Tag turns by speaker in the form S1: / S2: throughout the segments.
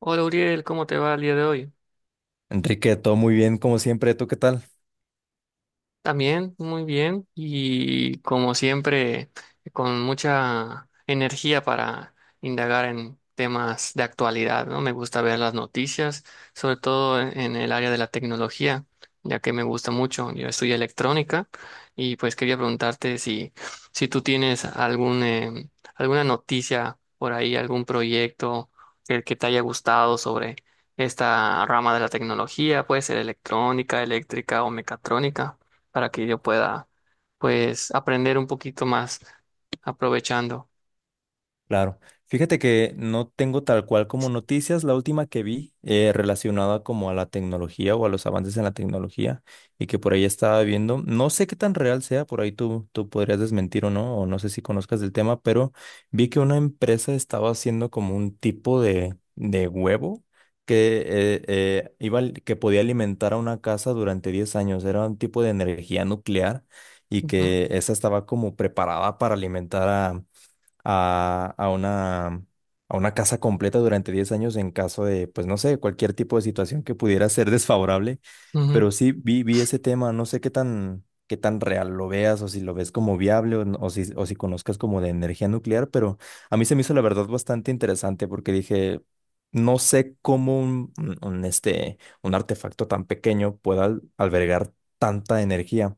S1: Hola Uriel, ¿cómo te va el día de hoy?
S2: Enrique, todo muy bien, como siempre. ¿Tú qué tal?
S1: También, muy bien. Y como siempre, con mucha energía para indagar en temas de actualidad, ¿no? Me gusta ver las noticias, sobre todo en el área de la tecnología, ya que me gusta mucho. Yo estudio electrónica y pues quería preguntarte si tú tienes algún, alguna noticia por ahí, algún proyecto que te haya gustado sobre esta rama de la tecnología, puede ser electrónica, eléctrica o mecatrónica para que yo pueda, pues, aprender un poquito más aprovechando.
S2: Claro. Fíjate que no tengo tal cual como noticias. La última que vi relacionada como a la tecnología o a los avances en la tecnología y que por ahí estaba viendo, no sé qué tan real sea, por ahí tú podrías desmentir o no sé si conozcas del tema, pero vi que una empresa estaba haciendo como un tipo de huevo que, iba, que podía alimentar a una casa durante 10 años. Era un tipo de energía nuclear y
S1: Ujú,
S2: que esa estaba como preparada para alimentar a, a una, a una casa completa durante 10 años en caso de, pues no sé, cualquier tipo de situación que pudiera ser desfavorable.
S1: ujú.
S2: Pero sí vi ese tema, no sé qué tan real lo veas o si lo ves como viable o, o si conozcas como de energía nuclear, pero a mí se me hizo la verdad bastante interesante porque dije, no sé cómo un artefacto tan pequeño pueda albergar tanta energía.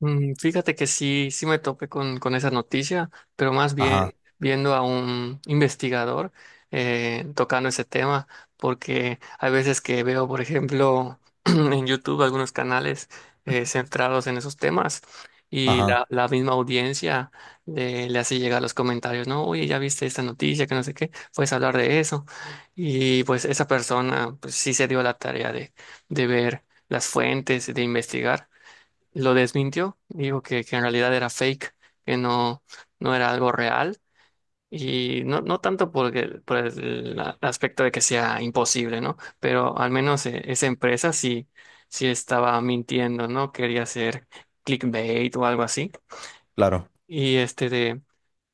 S1: Fíjate que sí, sí me topé con esa noticia, pero más
S2: Ajá,
S1: bien viendo a un investigador tocando ese tema, porque hay veces que veo, por ejemplo, en YouTube algunos canales centrados en esos temas y
S2: ajá,
S1: la misma audiencia le hace llegar los comentarios, ¿no? Oye, ya viste esta noticia, que no sé qué, puedes hablar de eso. Y pues esa persona pues, sí se dio la tarea de ver las fuentes, de investigar, lo desmintió, dijo que en realidad era fake, que no, no era algo real, y no, no tanto porque, por el aspecto de que sea imposible, ¿no? Pero al menos esa empresa sí, sí estaba mintiendo, ¿no? Quería hacer clickbait o algo así.
S2: claro,
S1: Y este de,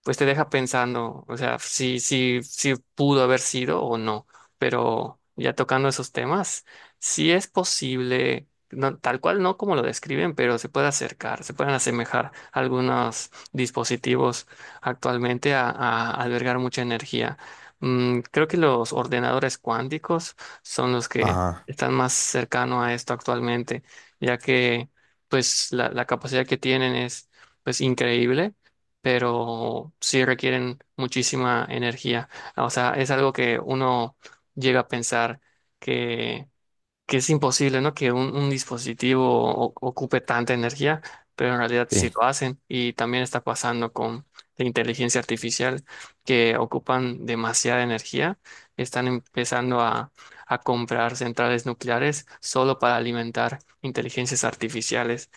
S1: pues te deja pensando, o sea, si pudo haber sido o no, pero ya tocando esos temas, sí es posible, no, tal cual no como lo describen, pero se puede acercar, se pueden asemejar algunos dispositivos actualmente a albergar mucha energía. Creo que los ordenadores cuánticos son los que
S2: ajá,
S1: están más cercanos a esto actualmente, ya que pues la capacidad que tienen es pues increíble, pero sí requieren muchísima energía. O sea, es algo que uno llega a pensar que, que es imposible, ¿no? Que un dispositivo ocupe tanta energía, pero en realidad sí
S2: sí.
S1: lo hacen. Y también está pasando con la inteligencia artificial, que ocupan demasiada energía. Están empezando a comprar centrales nucleares solo para alimentar inteligencias artificiales.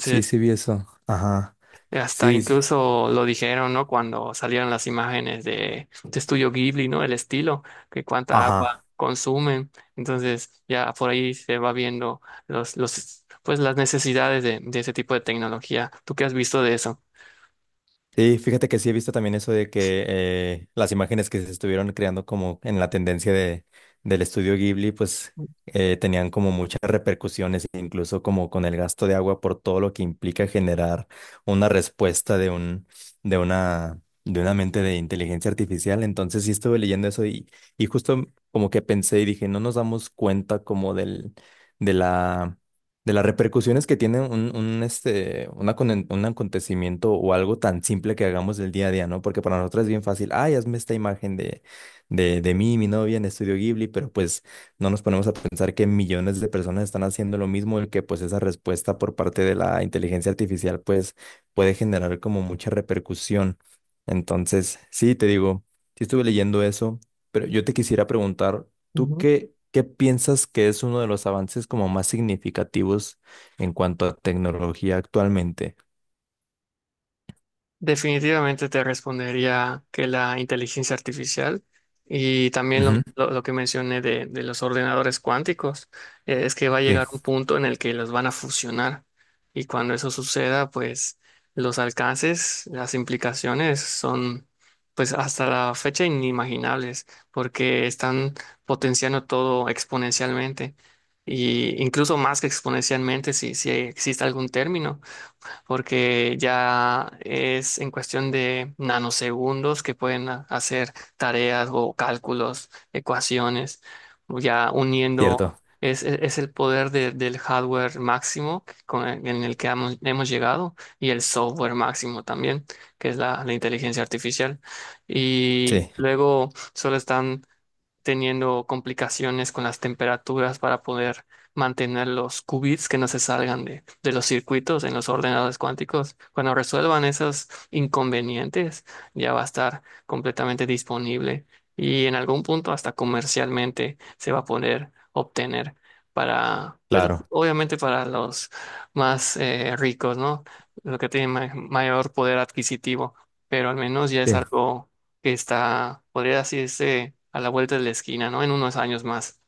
S2: Sí, sí vi eso. Ajá.
S1: hasta
S2: Sí, sí.
S1: incluso lo dijeron, ¿no? Cuando salieron las imágenes de Estudio Ghibli, ¿no? El estilo, que cuánta agua
S2: Ajá.
S1: consumen. Entonces, ya por ahí se va viendo pues las necesidades de ese tipo de tecnología. ¿Tú qué has visto de eso?
S2: Sí, fíjate que sí he visto también eso de que las imágenes que se estuvieron creando como en la tendencia del estudio Ghibli, pues tenían como muchas repercusiones, incluso como con el gasto de agua por todo lo que implica generar una respuesta de una mente de inteligencia artificial. Entonces sí estuve leyendo eso y justo como que pensé y dije, no nos damos cuenta como de la de las repercusiones que tiene un, este, una conen- un acontecimiento o algo tan simple que hagamos del día a día, ¿no? Porque para nosotros es bien fácil, ay, hazme esta imagen de mí, mi novia en Estudio Ghibli, pero pues no nos ponemos a pensar que millones de personas están haciendo lo mismo y que pues esa respuesta por parte de la inteligencia artificial pues puede generar como mucha repercusión. Entonces, sí, te digo, sí estuve leyendo eso, pero yo te quisiera preguntar, ¿tú qué, qué piensas que es uno de los avances como más significativos en cuanto a tecnología actualmente?
S1: Definitivamente te respondería que la inteligencia artificial y también
S2: Ujú,
S1: lo que mencioné de los ordenadores cuánticos, es que va a
S2: sí,
S1: llegar un punto en el que los van a fusionar, y cuando eso suceda, pues los alcances, las implicaciones son pues hasta la fecha inimaginables porque están potenciando todo exponencialmente, y incluso más que exponencialmente, si existe algún término, porque ya es en cuestión de nanosegundos que pueden hacer tareas o cálculos, ecuaciones, ya uniendo,
S2: cierto.
S1: es el poder del hardware máximo con en el que hemos llegado, y el software máximo también, que es la inteligencia artificial. Y
S2: Sí,
S1: luego solo están teniendo complicaciones con las temperaturas para poder mantener los qubits que no se salgan de los circuitos en los ordenadores cuánticos. Cuando resuelvan esos inconvenientes, ya va a estar completamente disponible, y en algún punto hasta comercialmente se va a poder obtener para, pues
S2: claro.
S1: obviamente para los más ricos, ¿no? Los que tienen mayor poder adquisitivo, pero al menos ya es
S2: Sí.
S1: algo que está, podría decirse, a la vuelta de la esquina, ¿no? En unos años más.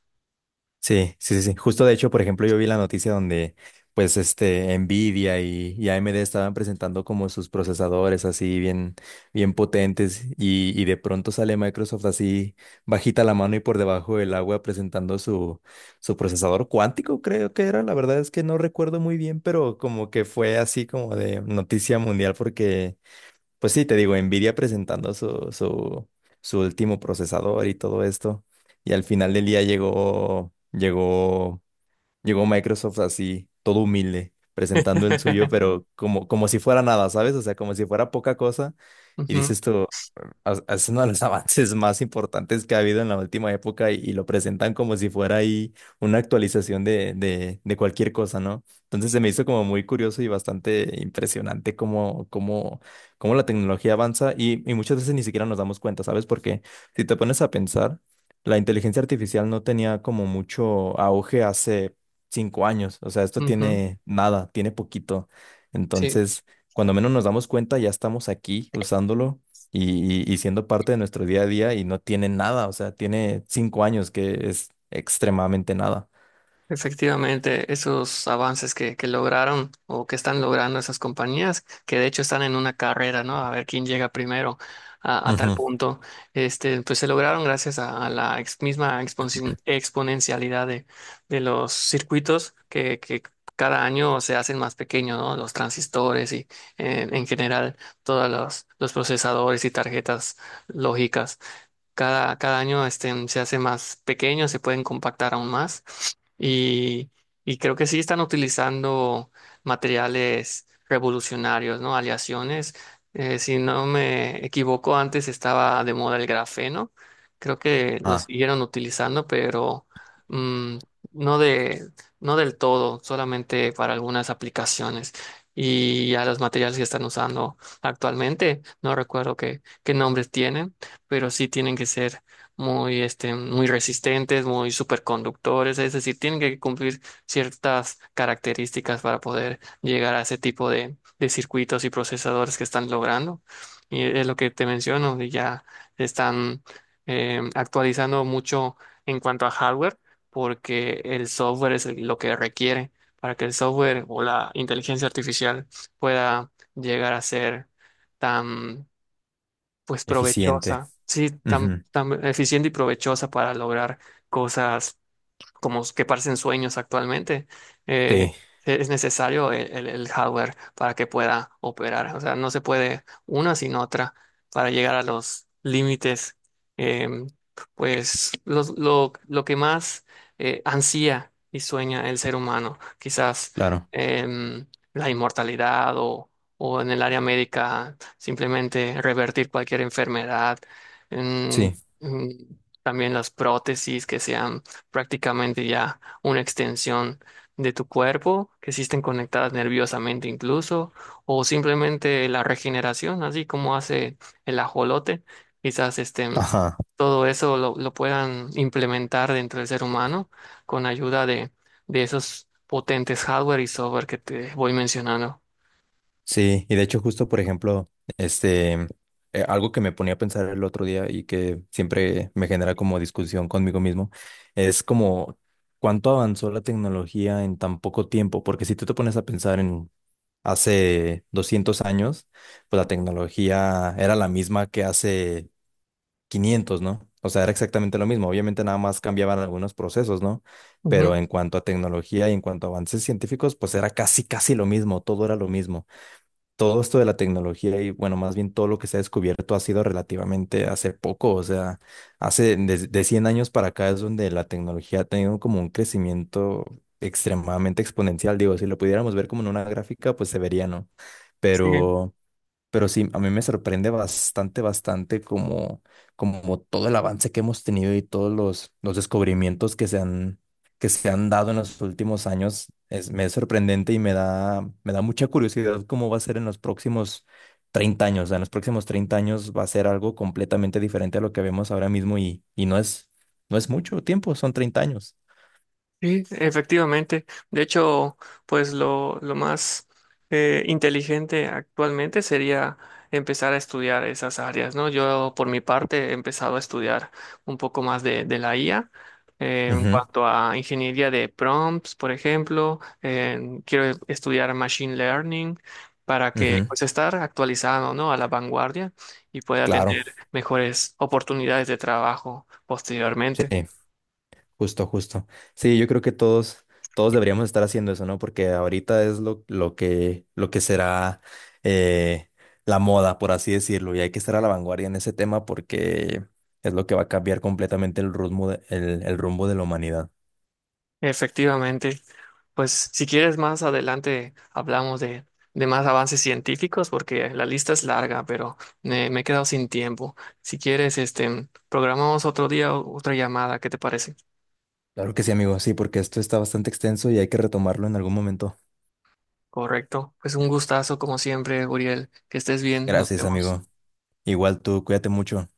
S2: Sí, sí, sí, sí. Justo de hecho, por ejemplo, yo vi la noticia donde pues este Nvidia y AMD estaban presentando como sus procesadores así bien, bien potentes y de pronto sale Microsoft así bajita la mano y por debajo del agua presentando su procesador cuántico, creo que era. La verdad es que no recuerdo muy bien, pero como que fue así como de noticia mundial porque pues sí, te digo, Nvidia presentando su último procesador y todo esto. Y al final del día llegó llegó Microsoft así, todo humilde, presentando el suyo, pero como, como si fuera nada, ¿sabes? O sea, como si fuera poca cosa. Y
S1: Ujú,
S2: dices tú, "Ah, ah, es uno de los avances más importantes que ha habido en la última época y lo presentan como si fuera ahí una actualización de cualquier cosa, ¿no? Entonces se me hizo como muy curioso y bastante impresionante cómo, cómo, cómo la tecnología avanza y muchas veces ni siquiera nos damos cuenta, ¿sabes? Porque si te pones a pensar, la inteligencia artificial no tenía como mucho auge hace 5 años. O sea, esto
S1: ujú.
S2: tiene nada, tiene poquito.
S1: Sí,
S2: Entonces, cuando menos nos damos cuenta, ya estamos aquí usándolo y siendo parte de nuestro día a día y no tiene nada. O sea, tiene 5 años que es extremadamente nada.
S1: efectivamente, esos avances que lograron o que están logrando esas compañías, que de hecho están en una carrera, ¿no? A ver quién llega primero a tal
S2: Ujú.
S1: punto, este, pues se lograron gracias a la misma exponencialidad de los circuitos que cada año se hacen más pequeños, ¿no? Los transistores y en general todos los procesadores y tarjetas lógicas. Cada año este, se hace más pequeño, se pueden compactar aún más. Y, y creo que sí están utilizando materiales revolucionarios, ¿no? Aleaciones. Si no me equivoco, antes estaba de moda el grafeno. Creo que lo
S2: Ah,
S1: siguieron utilizando, pero mm, no de, no del todo, solamente para algunas aplicaciones. Y a los materiales que están usando actualmente, no recuerdo qué nombres tienen, pero sí tienen que ser muy, este, muy resistentes, muy superconductores, es decir, tienen que cumplir ciertas características para poder llegar a ese tipo de circuitos y procesadores que están logrando. Y es lo que te menciono, y ya están actualizando mucho en cuanto a hardware, porque el software es lo que requiere para que el software o la inteligencia artificial pueda llegar a ser tan, pues
S2: eficiente.
S1: provechosa, sí, tan,
S2: Ujú.
S1: tan eficiente y provechosa para lograr cosas como que parecen sueños actualmente, eh,
S2: Sí,
S1: es necesario el hardware para que pueda operar. O sea, no se puede una sin otra para llegar a los límites. eh, pues lo que más ansía y sueña el ser humano, quizás
S2: claro.
S1: em, la inmortalidad o en el área médica simplemente revertir cualquier enfermedad. em,
S2: Sí.
S1: em, también las prótesis que sean prácticamente ya una extensión de tu cuerpo, que existen conectadas nerviosamente incluso, o simplemente la regeneración, así como hace el ajolote, quizás estén,
S2: Ajá.
S1: todo eso lo puedan implementar dentro del ser humano con ayuda de esos potentes hardware y software que te voy mencionando.
S2: Sí, y de hecho justo, por ejemplo, este, algo que me ponía a pensar el otro día y que siempre me genera como discusión conmigo mismo, es como cuánto avanzó la tecnología en tan poco tiempo, porque si tú te pones a pensar en hace 200 años, pues la tecnología era la misma que hace 500, ¿no? O sea, era exactamente lo mismo, obviamente nada más cambiaban algunos procesos, ¿no? Pero
S1: Ujú,
S2: en cuanto a tecnología y en cuanto a avances científicos, pues era casi, casi lo mismo, todo era lo mismo todo esto de la tecnología y bueno, más bien todo lo que se ha descubierto ha sido relativamente hace poco, o sea, hace de 100 años para acá es donde la tecnología ha tenido como un crecimiento extremadamente exponencial, digo, si lo pudiéramos ver como en una gráfica, pues se vería, ¿no?
S1: sí.
S2: Pero pero sí, a mí me sorprende bastante, bastante como, como todo el avance que hemos tenido y todos los descubrimientos que se han dado en los últimos años. Es, me es sorprendente y me da mucha curiosidad cómo va a ser en los próximos 30 años. O sea, en los próximos 30 años va a ser algo completamente diferente a lo que vemos ahora mismo y no es, no es mucho tiempo, son 30 años.
S1: Sí, efectivamente. De hecho, pues lo más inteligente actualmente sería empezar a estudiar esas áreas, ¿no? Yo, por mi parte, he empezado a estudiar un poco más de la IA en
S2: Ujú,
S1: cuanto a ingeniería de prompts, por ejemplo. Quiero estudiar Machine Learning para que,
S2: ujú,
S1: pues, estar actualizado, ¿no? A la vanguardia, y pueda
S2: claro,
S1: tener mejores oportunidades de trabajo
S2: sí.
S1: posteriormente.
S2: Justo, justo. Sí, yo creo que todos, todos deberíamos estar haciendo eso, ¿no? Porque ahorita es lo que será eh, la moda, por así decirlo, y hay que estar a la vanguardia en ese tema porque es lo que va a cambiar completamente el rumbo de la humanidad.
S1: Efectivamente. Pues si quieres más adelante hablamos de más avances científicos porque la lista es larga, pero me he quedado sin tiempo. Si quieres, este, programamos otro día otra llamada, ¿qué te parece?
S2: Claro que sí, amigo, sí, porque esto está bastante extenso y hay que retomarlo en algún momento.
S1: Correcto. Pues un gustazo como siempre, Uriel. Que estés bien. Nos
S2: Gracias,
S1: vemos.
S2: amigo. Igual tú, cuídate mucho.